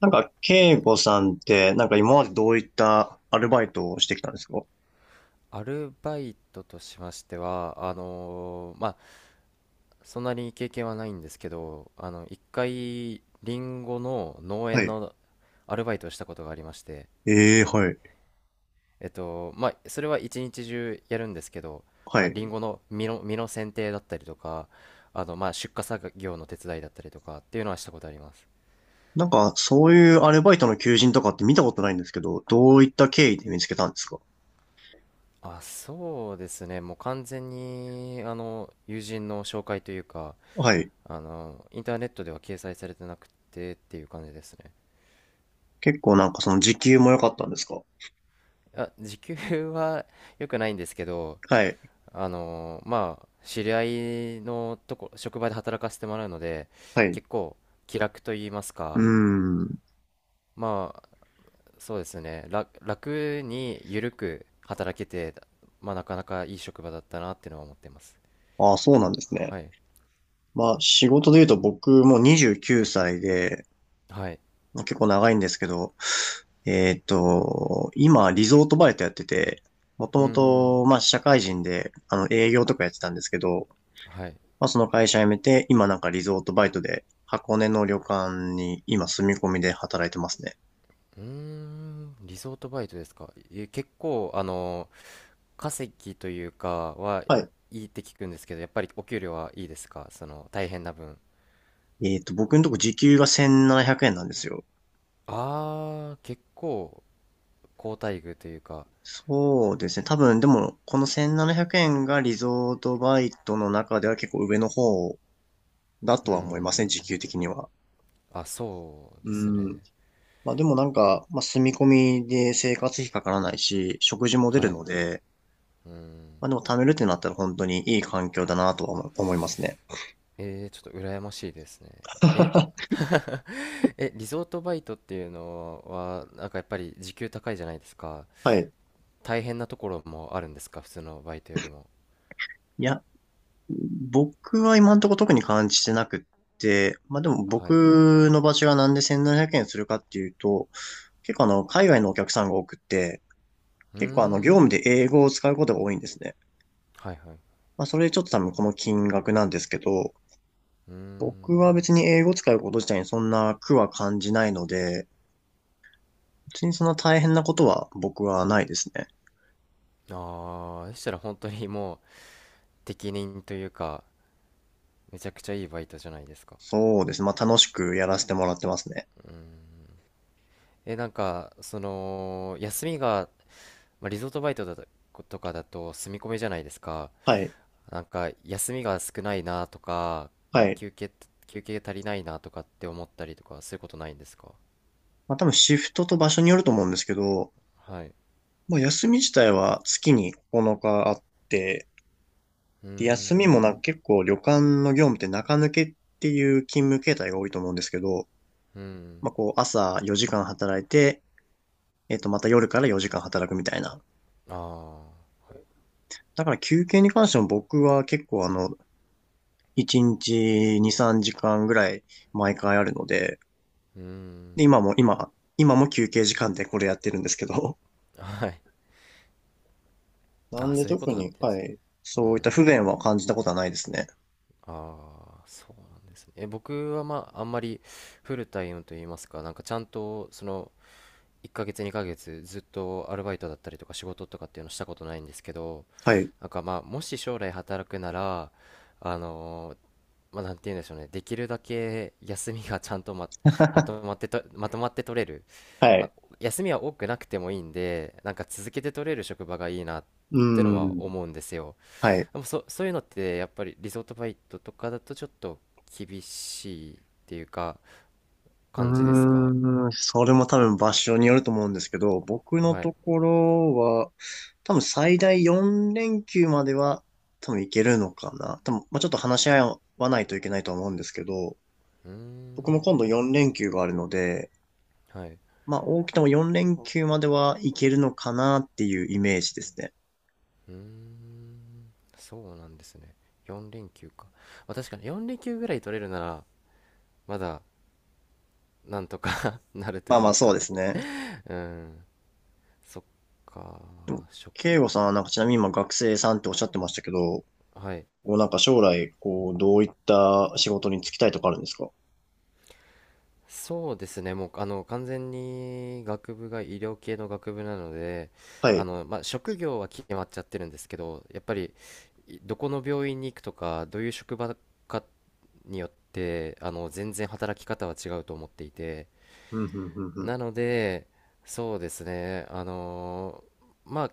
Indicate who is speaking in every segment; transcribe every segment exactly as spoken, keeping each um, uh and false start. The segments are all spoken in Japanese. Speaker 1: なんか、慶吾さんって、なんか今までどういったアルバイトをしてきたんですか？
Speaker 2: アルバイトとしましては、あのーまあ、そんなに経験はないんですけど、あの、一回、リンゴの農
Speaker 1: は
Speaker 2: 園
Speaker 1: い。
Speaker 2: のアルバイトをしたことがありまして、
Speaker 1: ええ、はい。
Speaker 2: えっと、まあ、それは一日中やるんですけど、
Speaker 1: は
Speaker 2: まあ、リン
Speaker 1: い。
Speaker 2: ゴの実の、実の剪定だったりとか、あの、まあ、出荷作業の手伝いだったりとかっていうのはしたことあります。
Speaker 1: なんか、そういうアルバイトの求人とかって見たことないんですけど、どういった経緯で見つけたんですか？
Speaker 2: あ、そうですね。もう完全に、あの、友人の紹介というか、
Speaker 1: はい。
Speaker 2: あの、インターネットでは掲載されてなくてっていう感じですね。
Speaker 1: 結構なんかその時給も良かったんですか？
Speaker 2: あ、時給は良くないんですけど、
Speaker 1: はい。
Speaker 2: あのーまあ、知り合いのとこ、職場で働かせてもらうので、
Speaker 1: はい。う
Speaker 2: 結構気楽と言います
Speaker 1: ー
Speaker 2: か、
Speaker 1: ん。
Speaker 2: まあ、そうですね、楽楽に緩く働けて、まあ、なかなかいい職場だったなっていうのは思ってます。
Speaker 1: ああ、そうなんですね。
Speaker 2: はい。
Speaker 1: まあ、仕事で言うと僕もうにじゅうきゅうさいで、
Speaker 2: はい。
Speaker 1: 結構長いんですけど、えーっと、今、リゾートバイトやってて、もと
Speaker 2: うー
Speaker 1: も
Speaker 2: ん。
Speaker 1: と、まあ、社会人で、あの、営業とかやってたんですけど、
Speaker 2: はい。
Speaker 1: まあ、その会社辞めて、今なんかリゾートバイトで、箱根の旅館に今住み込みで働いてますね。
Speaker 2: うーん。リゾートバイトですか？え、結構、あのー稼ぎというかは
Speaker 1: はい。
Speaker 2: いいって聞くんですけど、やっぱりお給料はいいですか、その大変な分？
Speaker 1: えーっと、僕のとこ時給がせんななひゃくえんななひゃくえんなんですよ。
Speaker 2: あー、結構好待遇というか、
Speaker 1: そうですね。多分、でも、このせんななひゃくえんがリゾートバイトの中では結構上の方だ
Speaker 2: うー
Speaker 1: とは思いますね、時
Speaker 2: ん、
Speaker 1: 給的には。
Speaker 2: あ、そう
Speaker 1: う
Speaker 2: です
Speaker 1: ん。
Speaker 2: ね。
Speaker 1: まあでもなんか、まあ住み込みで生活費かからないし、食事も出る
Speaker 2: はい。
Speaker 1: ので、
Speaker 2: うーん。
Speaker 1: まあでも貯めるってなったら本当にいい環境だなとは思思いますね。
Speaker 2: えー、ちょっと羨ましいですね。え、え、リゾートバイトっていうのは、なんかやっぱり時給高いじゃないですか。
Speaker 1: はい。
Speaker 2: 大変なところもあるんですか、普通のバイトよりも？
Speaker 1: いや、僕は今のところ特に感じてなくって、まあでも
Speaker 2: はい。
Speaker 1: 僕の場所がなんでせんななひゃくえんするかっていうと、結構あの、海外のお客さんが多くって、
Speaker 2: うー
Speaker 1: 結構あの、業務
Speaker 2: ん。
Speaker 1: で英語を使うことが多いんですね。
Speaker 2: はいはい。
Speaker 1: まあそれでちょっと多分この金額なんですけど、
Speaker 2: うー
Speaker 1: 僕は
Speaker 2: ん。
Speaker 1: 別に英語を使うこと自体にそんな苦は感じないので、別にそんな大変なことは僕はないですね。
Speaker 2: ああ、そしたら本当にもう、適任というか、めちゃくちゃいいバイトじゃないですか。
Speaker 1: そうですね。まあ楽しくやらせてもらってますね。
Speaker 2: え、なんか、その、休みが、まあ、リゾートバイトだと、とかだと住み込みじゃないですか。
Speaker 1: はい。
Speaker 2: なんか、休みが少ないなとか、
Speaker 1: はい。
Speaker 2: 休憩、休憩足りないなとかって思ったりとか、そういうことないんですか？
Speaker 1: まあ多分シフトと場所によると思うんですけど、
Speaker 2: はい。
Speaker 1: まあ休み自体は月にここのかあって、
Speaker 2: うー
Speaker 1: で休みもなんか
Speaker 2: ん、
Speaker 1: 結構旅館の業務って中抜けっていう勤務形態が多いと思うんですけど、
Speaker 2: うん、
Speaker 1: まあこう朝よじかん働いて、えっとまた夜からよじかん働くみたいな。
Speaker 2: ああ、はい。
Speaker 1: だから休憩に関しても僕は結構あの、いちにちに、さんじかんぐらい毎回あるので、
Speaker 2: うー
Speaker 1: で、
Speaker 2: ん、
Speaker 1: 今も、今、今も休憩時間でこれやってるんですけど、
Speaker 2: はい。
Speaker 1: なん
Speaker 2: あ、
Speaker 1: で
Speaker 2: そういうこ
Speaker 1: 特
Speaker 2: とだっ
Speaker 1: に、
Speaker 2: たんで
Speaker 1: は
Speaker 2: すね。
Speaker 1: い。
Speaker 2: う
Speaker 1: そういった不
Speaker 2: ん。
Speaker 1: 便は感じたことはないですね。
Speaker 2: ああ、そうなんですね。え、僕はまあ、あんまりフルタイムといいますか、なんかちゃんと、その、いっかげつ、にかげつ、ずっとアルバイトだったりとか仕事とかっていうのしたことないんですけど、
Speaker 1: はい。
Speaker 2: なんかまあ、もし将来働くなら、あのーまあ、なんて言うんでしょうね、できるだけ休みがちゃんとま、まとまっ てと、まとまって取れる。
Speaker 1: は
Speaker 2: まあ、
Speaker 1: い。
Speaker 2: 休みは多くなくてもいいんで、なんか続けて取れる職場がいいなっ
Speaker 1: う
Speaker 2: ての
Speaker 1: ー
Speaker 2: は
Speaker 1: ん。
Speaker 2: 思うんですよ。
Speaker 1: はい。
Speaker 2: でもそ、そういうのってやっぱりリゾートバイトとかだとちょっと厳しいっていうか感じです
Speaker 1: う
Speaker 2: か？
Speaker 1: ーん、それも多分場所によると思うんですけど、僕の
Speaker 2: はい。
Speaker 1: ところは、多分最大よん連休までは多分いけるのかな。多分、まあ、ちょっと話し合わないといけないとは思うんですけど、
Speaker 2: うー
Speaker 1: 僕も今度
Speaker 2: ん。
Speaker 1: よん連休があるので、
Speaker 2: はい。
Speaker 1: まあ、多くてもよん連休まではいけるのかなっていうイメージですね。
Speaker 2: うーん。そうなんですね。よん連休か。まあ、確かによん連休ぐらい取れるならまだなんとか なると
Speaker 1: まあま
Speaker 2: い
Speaker 1: あ、
Speaker 2: う
Speaker 1: そう
Speaker 2: か。
Speaker 1: ですね。
Speaker 2: うん。そっか。職
Speaker 1: 慶吾
Speaker 2: 場
Speaker 1: さん
Speaker 2: か。
Speaker 1: はなんかちなみに今学生さんっておっしゃってましたけど、こ
Speaker 2: はい。
Speaker 1: うなんか将来、こう、どういった仕事に就きたいとかあるんですか？
Speaker 2: そうですね、もうあの完全に学部が医療系の学部なので、
Speaker 1: は
Speaker 2: あ
Speaker 1: い。
Speaker 2: のまあ、職業は決まっちゃってるんですけど、やっぱりいどこの病院に行くとか、どういう職場かによって、あの全然働き方は違うと思っていて、
Speaker 1: うん、うん、うん、うん。
Speaker 2: なので、そうですね、あのーまあ、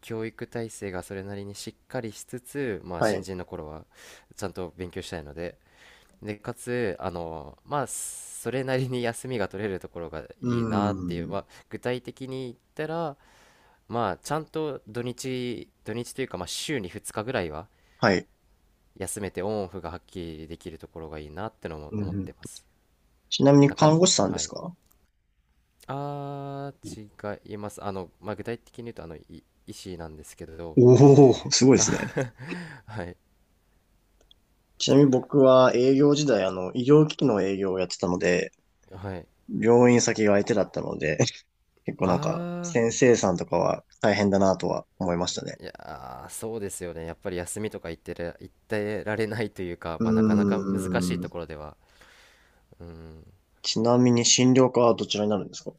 Speaker 2: 教育体制がそれなりにしっかりしつつ、まあ、
Speaker 1: は
Speaker 2: 新
Speaker 1: い。
Speaker 2: 人の頃はちゃんと勉強したいので、で、かつ、あの、まあ、それなりに休みが取れるところが
Speaker 1: う
Speaker 2: いいなっていう、まあ、
Speaker 1: ん。
Speaker 2: 具体的に言ったら、まあ、ちゃんと土日、土日というか、まあ、週にふつかぐらいは
Speaker 1: はい。
Speaker 2: 休めてオンオフがはっきりできるところがいいなってのも
Speaker 1: う
Speaker 2: 思
Speaker 1: ん、
Speaker 2: っ
Speaker 1: う
Speaker 2: て
Speaker 1: ん。
Speaker 2: ます。
Speaker 1: ちなみに
Speaker 2: なか、
Speaker 1: 看護師さんで
Speaker 2: は
Speaker 1: す
Speaker 2: い。
Speaker 1: か？
Speaker 2: あー、違います。あの、まあ、具体的に言うと、あの、い医師なんですけど、
Speaker 1: おおー、すごいで
Speaker 2: あ
Speaker 1: すね。
Speaker 2: はい、
Speaker 1: ちなみに僕は営業時代、あの、医療機器の営業をやってたので、
Speaker 2: はい。
Speaker 1: 病院先が相手だったので、結構なんか、
Speaker 2: あ
Speaker 1: 先
Speaker 2: ー、
Speaker 1: 生さんとかは大変だなとは思いましたね。
Speaker 2: いやーそうですよね。やっぱり休みとか言ってら、言ってられないというか、
Speaker 1: う
Speaker 2: まあ、なかなか難しい
Speaker 1: ー
Speaker 2: と
Speaker 1: ん。
Speaker 2: ころでは。うん。
Speaker 1: ちなみに診療科はどちらになるんですか？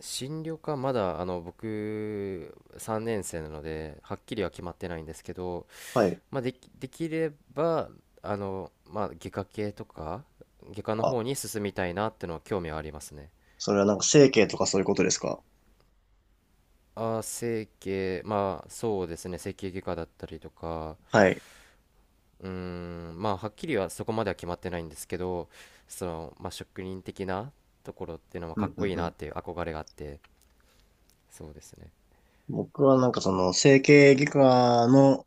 Speaker 2: 進路か、まだ、あの、僕、さんねん生なので、はっきりは決まってないんですけど、
Speaker 1: はい。
Speaker 2: まあ、でき、できれば、あの、まあ、外科系とか、外科の
Speaker 1: あ、
Speaker 2: 方に進みたいなってのは興味はありますね。
Speaker 1: それはなんか整形とかそういうことですか？
Speaker 2: ああ整形、まあ、そうですね。整形外科だったりとか、
Speaker 1: はい。
Speaker 2: うーん、まあ、はっきりはそこまでは決まってないんですけど、その、まあ、職人的なところっていうのは
Speaker 1: う
Speaker 2: かっ
Speaker 1: んう
Speaker 2: こ
Speaker 1: ん
Speaker 2: いい
Speaker 1: う
Speaker 2: な
Speaker 1: ん。
Speaker 2: っていう憧れがあって、そうですね。
Speaker 1: 僕はなんかその整形外科の、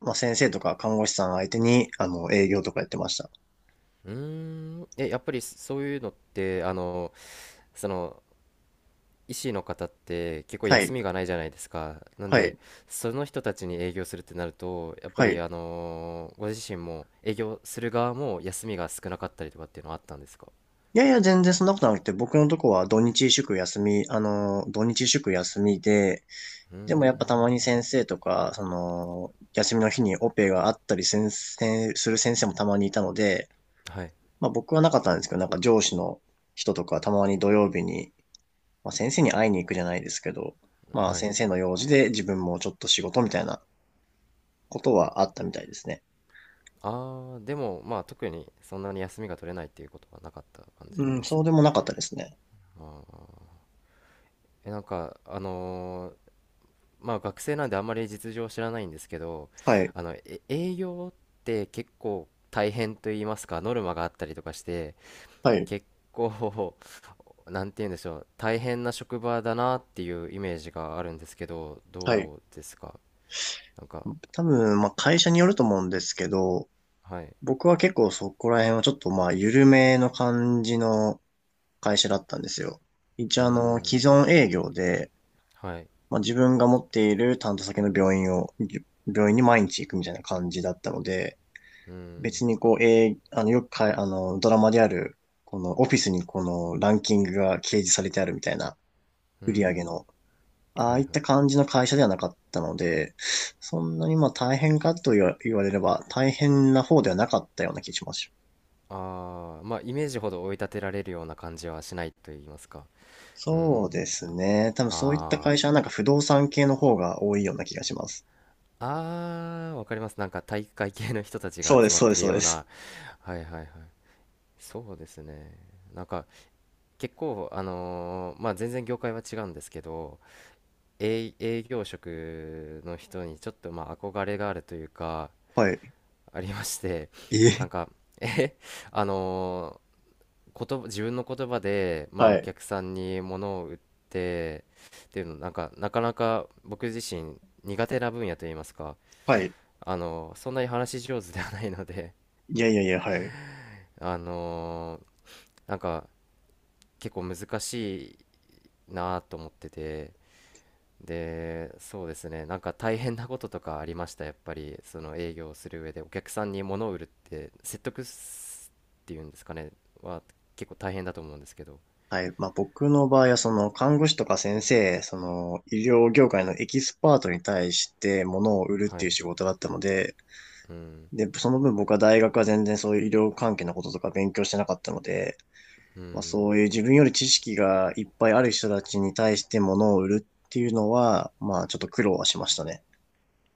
Speaker 1: まあ、先生とか看護師さん相手に、あの、営業とかやってました。
Speaker 2: うーん、え、やっぱりそういうのって、あの、その、医師の方って結構
Speaker 1: は
Speaker 2: 休
Speaker 1: い。
Speaker 2: みがないじゃないですか。なん
Speaker 1: は
Speaker 2: で、
Speaker 1: い。
Speaker 2: その人たちに営業するってなると、やっぱ
Speaker 1: は
Speaker 2: り、
Speaker 1: い。
Speaker 2: あのーご自身も営業する側も休みが少なかったりとかっていうのはあったんですか？
Speaker 1: いやいや、全然そんなことなくて、僕のとこは土日祝休み、あの、土日祝休みで、
Speaker 2: うー
Speaker 1: でもやっぱたまに
Speaker 2: ん、
Speaker 1: 先生とか、その、休みの日にオペがあったり先生、する先生もたまにいたので、
Speaker 2: はい、
Speaker 1: まあ僕はなかったんですけど、なんか上司の人とかたまに土曜日に、まあ先生に会いに行くじゃないですけど、まあ
Speaker 2: はい。
Speaker 1: 先生の用事で自分もちょっと仕事みたいなことはあったみたいですね。
Speaker 2: ああでもまあ、特にそんなに休みが取れないっていうことはなかった感じなん
Speaker 1: うん、
Speaker 2: です
Speaker 1: そ
Speaker 2: ね。
Speaker 1: うでもなかったですね。
Speaker 2: ああ、えなんか、あのーまあ学生なんであんまり実情を知らないんですけど、
Speaker 1: はい、
Speaker 2: あのえ営業って結構大変と言いますか、ノルマがあったりとかして、
Speaker 1: はい、
Speaker 2: 結構 なんて言うんでしょう、大変な職場だなっていうイメージがあるんですけど、
Speaker 1: はい。
Speaker 2: どうですか？なんか。
Speaker 1: 多分、まあ会社によると思うんですけど、
Speaker 2: はい。
Speaker 1: 僕は結構そこら辺はちょっとまあ緩めの感じの会社だったんですよ。一
Speaker 2: うー
Speaker 1: 応あの、既
Speaker 2: ん。
Speaker 1: 存営業で、
Speaker 2: はい。
Speaker 1: まあ、自分が持っている担当先の病院を、病院に毎日行くみたいな感じだったので、
Speaker 2: うーん。
Speaker 1: 別にこう、えーあの、よくかい、あの、ドラマである、このオフィスにこのランキングが掲示されてあるみたいな
Speaker 2: うー
Speaker 1: 売り上げ
Speaker 2: ん。
Speaker 1: の、あ
Speaker 2: はい
Speaker 1: あ
Speaker 2: は
Speaker 1: い
Speaker 2: い。
Speaker 1: った感じの会社ではなかったので、そんなにまあ大変かと言わ言われれば大変な方ではなかったような気します。
Speaker 2: ああ、まあ、イメージほど追い立てられるような感じはしないと言いますか。うん。
Speaker 1: そうですね。多分そういった
Speaker 2: あ
Speaker 1: 会
Speaker 2: あ。
Speaker 1: 社はなんか不動産系の方が多いような気がします。
Speaker 2: ああ、わかります。なんか体育会系の人たち
Speaker 1: そ
Speaker 2: が
Speaker 1: うで
Speaker 2: 集
Speaker 1: す、
Speaker 2: まっ
Speaker 1: そうで
Speaker 2: て
Speaker 1: す、
Speaker 2: る
Speaker 1: そう
Speaker 2: よ
Speaker 1: で
Speaker 2: う
Speaker 1: す。
Speaker 2: な。はいはいはい。そうですね。なんか結構、あのーまあ全然業界は違うんですけど、営、営業職の人にちょっとまあ憧れがあるというか、
Speaker 1: はい。
Speaker 2: ありまして、なん
Speaker 1: え
Speaker 2: か、え、あの言葉自分の言葉で、まあ、
Speaker 1: は
Speaker 2: お
Speaker 1: い。
Speaker 2: 客さんに物を売ってっていうのなんかなかなか僕自身苦手な分野といいますか、
Speaker 1: はい。
Speaker 2: あのそんなに話し上手ではないので、
Speaker 1: いやいやいや、はい。
Speaker 2: あのーなんか結構難しいなと思ってて、でそうですね、なんか大変なこととかありました？やっぱりその営業をする上でお客さんに物を売るって、説得すっていうんですかね、は結構大変だと思うんですけど。
Speaker 1: はい。まあ、僕の場合は、その、看護師とか先生、その、医療業界のエキスパートに対して物を売るっ
Speaker 2: は
Speaker 1: ていう
Speaker 2: い、
Speaker 1: 仕事だったので、
Speaker 2: うん
Speaker 1: で、その分僕は大学は全然そういう医療関係のこととか勉強してなかったので、
Speaker 2: う
Speaker 1: まあ、
Speaker 2: ん。
Speaker 1: そういう自分より知識がいっぱいある人たちに対して物を売るっていうのは、まあ、ちょっと苦労はしましたね。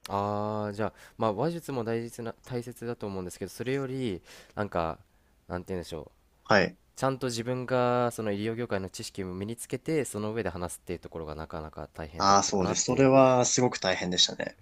Speaker 2: ああ、じゃあ、まあ、話術も大切な、大切だと思うんですけど、それより、なんか、なんて言うんでしょう。
Speaker 1: はい。
Speaker 2: ちゃんと自分が、その医療業界の知識も身につけて、その上で話すっていうところがなかなか大変だ
Speaker 1: あ
Speaker 2: っ
Speaker 1: あ、
Speaker 2: た
Speaker 1: そ
Speaker 2: か
Speaker 1: う
Speaker 2: な
Speaker 1: で
Speaker 2: っ
Speaker 1: す。そ
Speaker 2: てい
Speaker 1: れ
Speaker 2: う
Speaker 1: はすごく大変でしたね。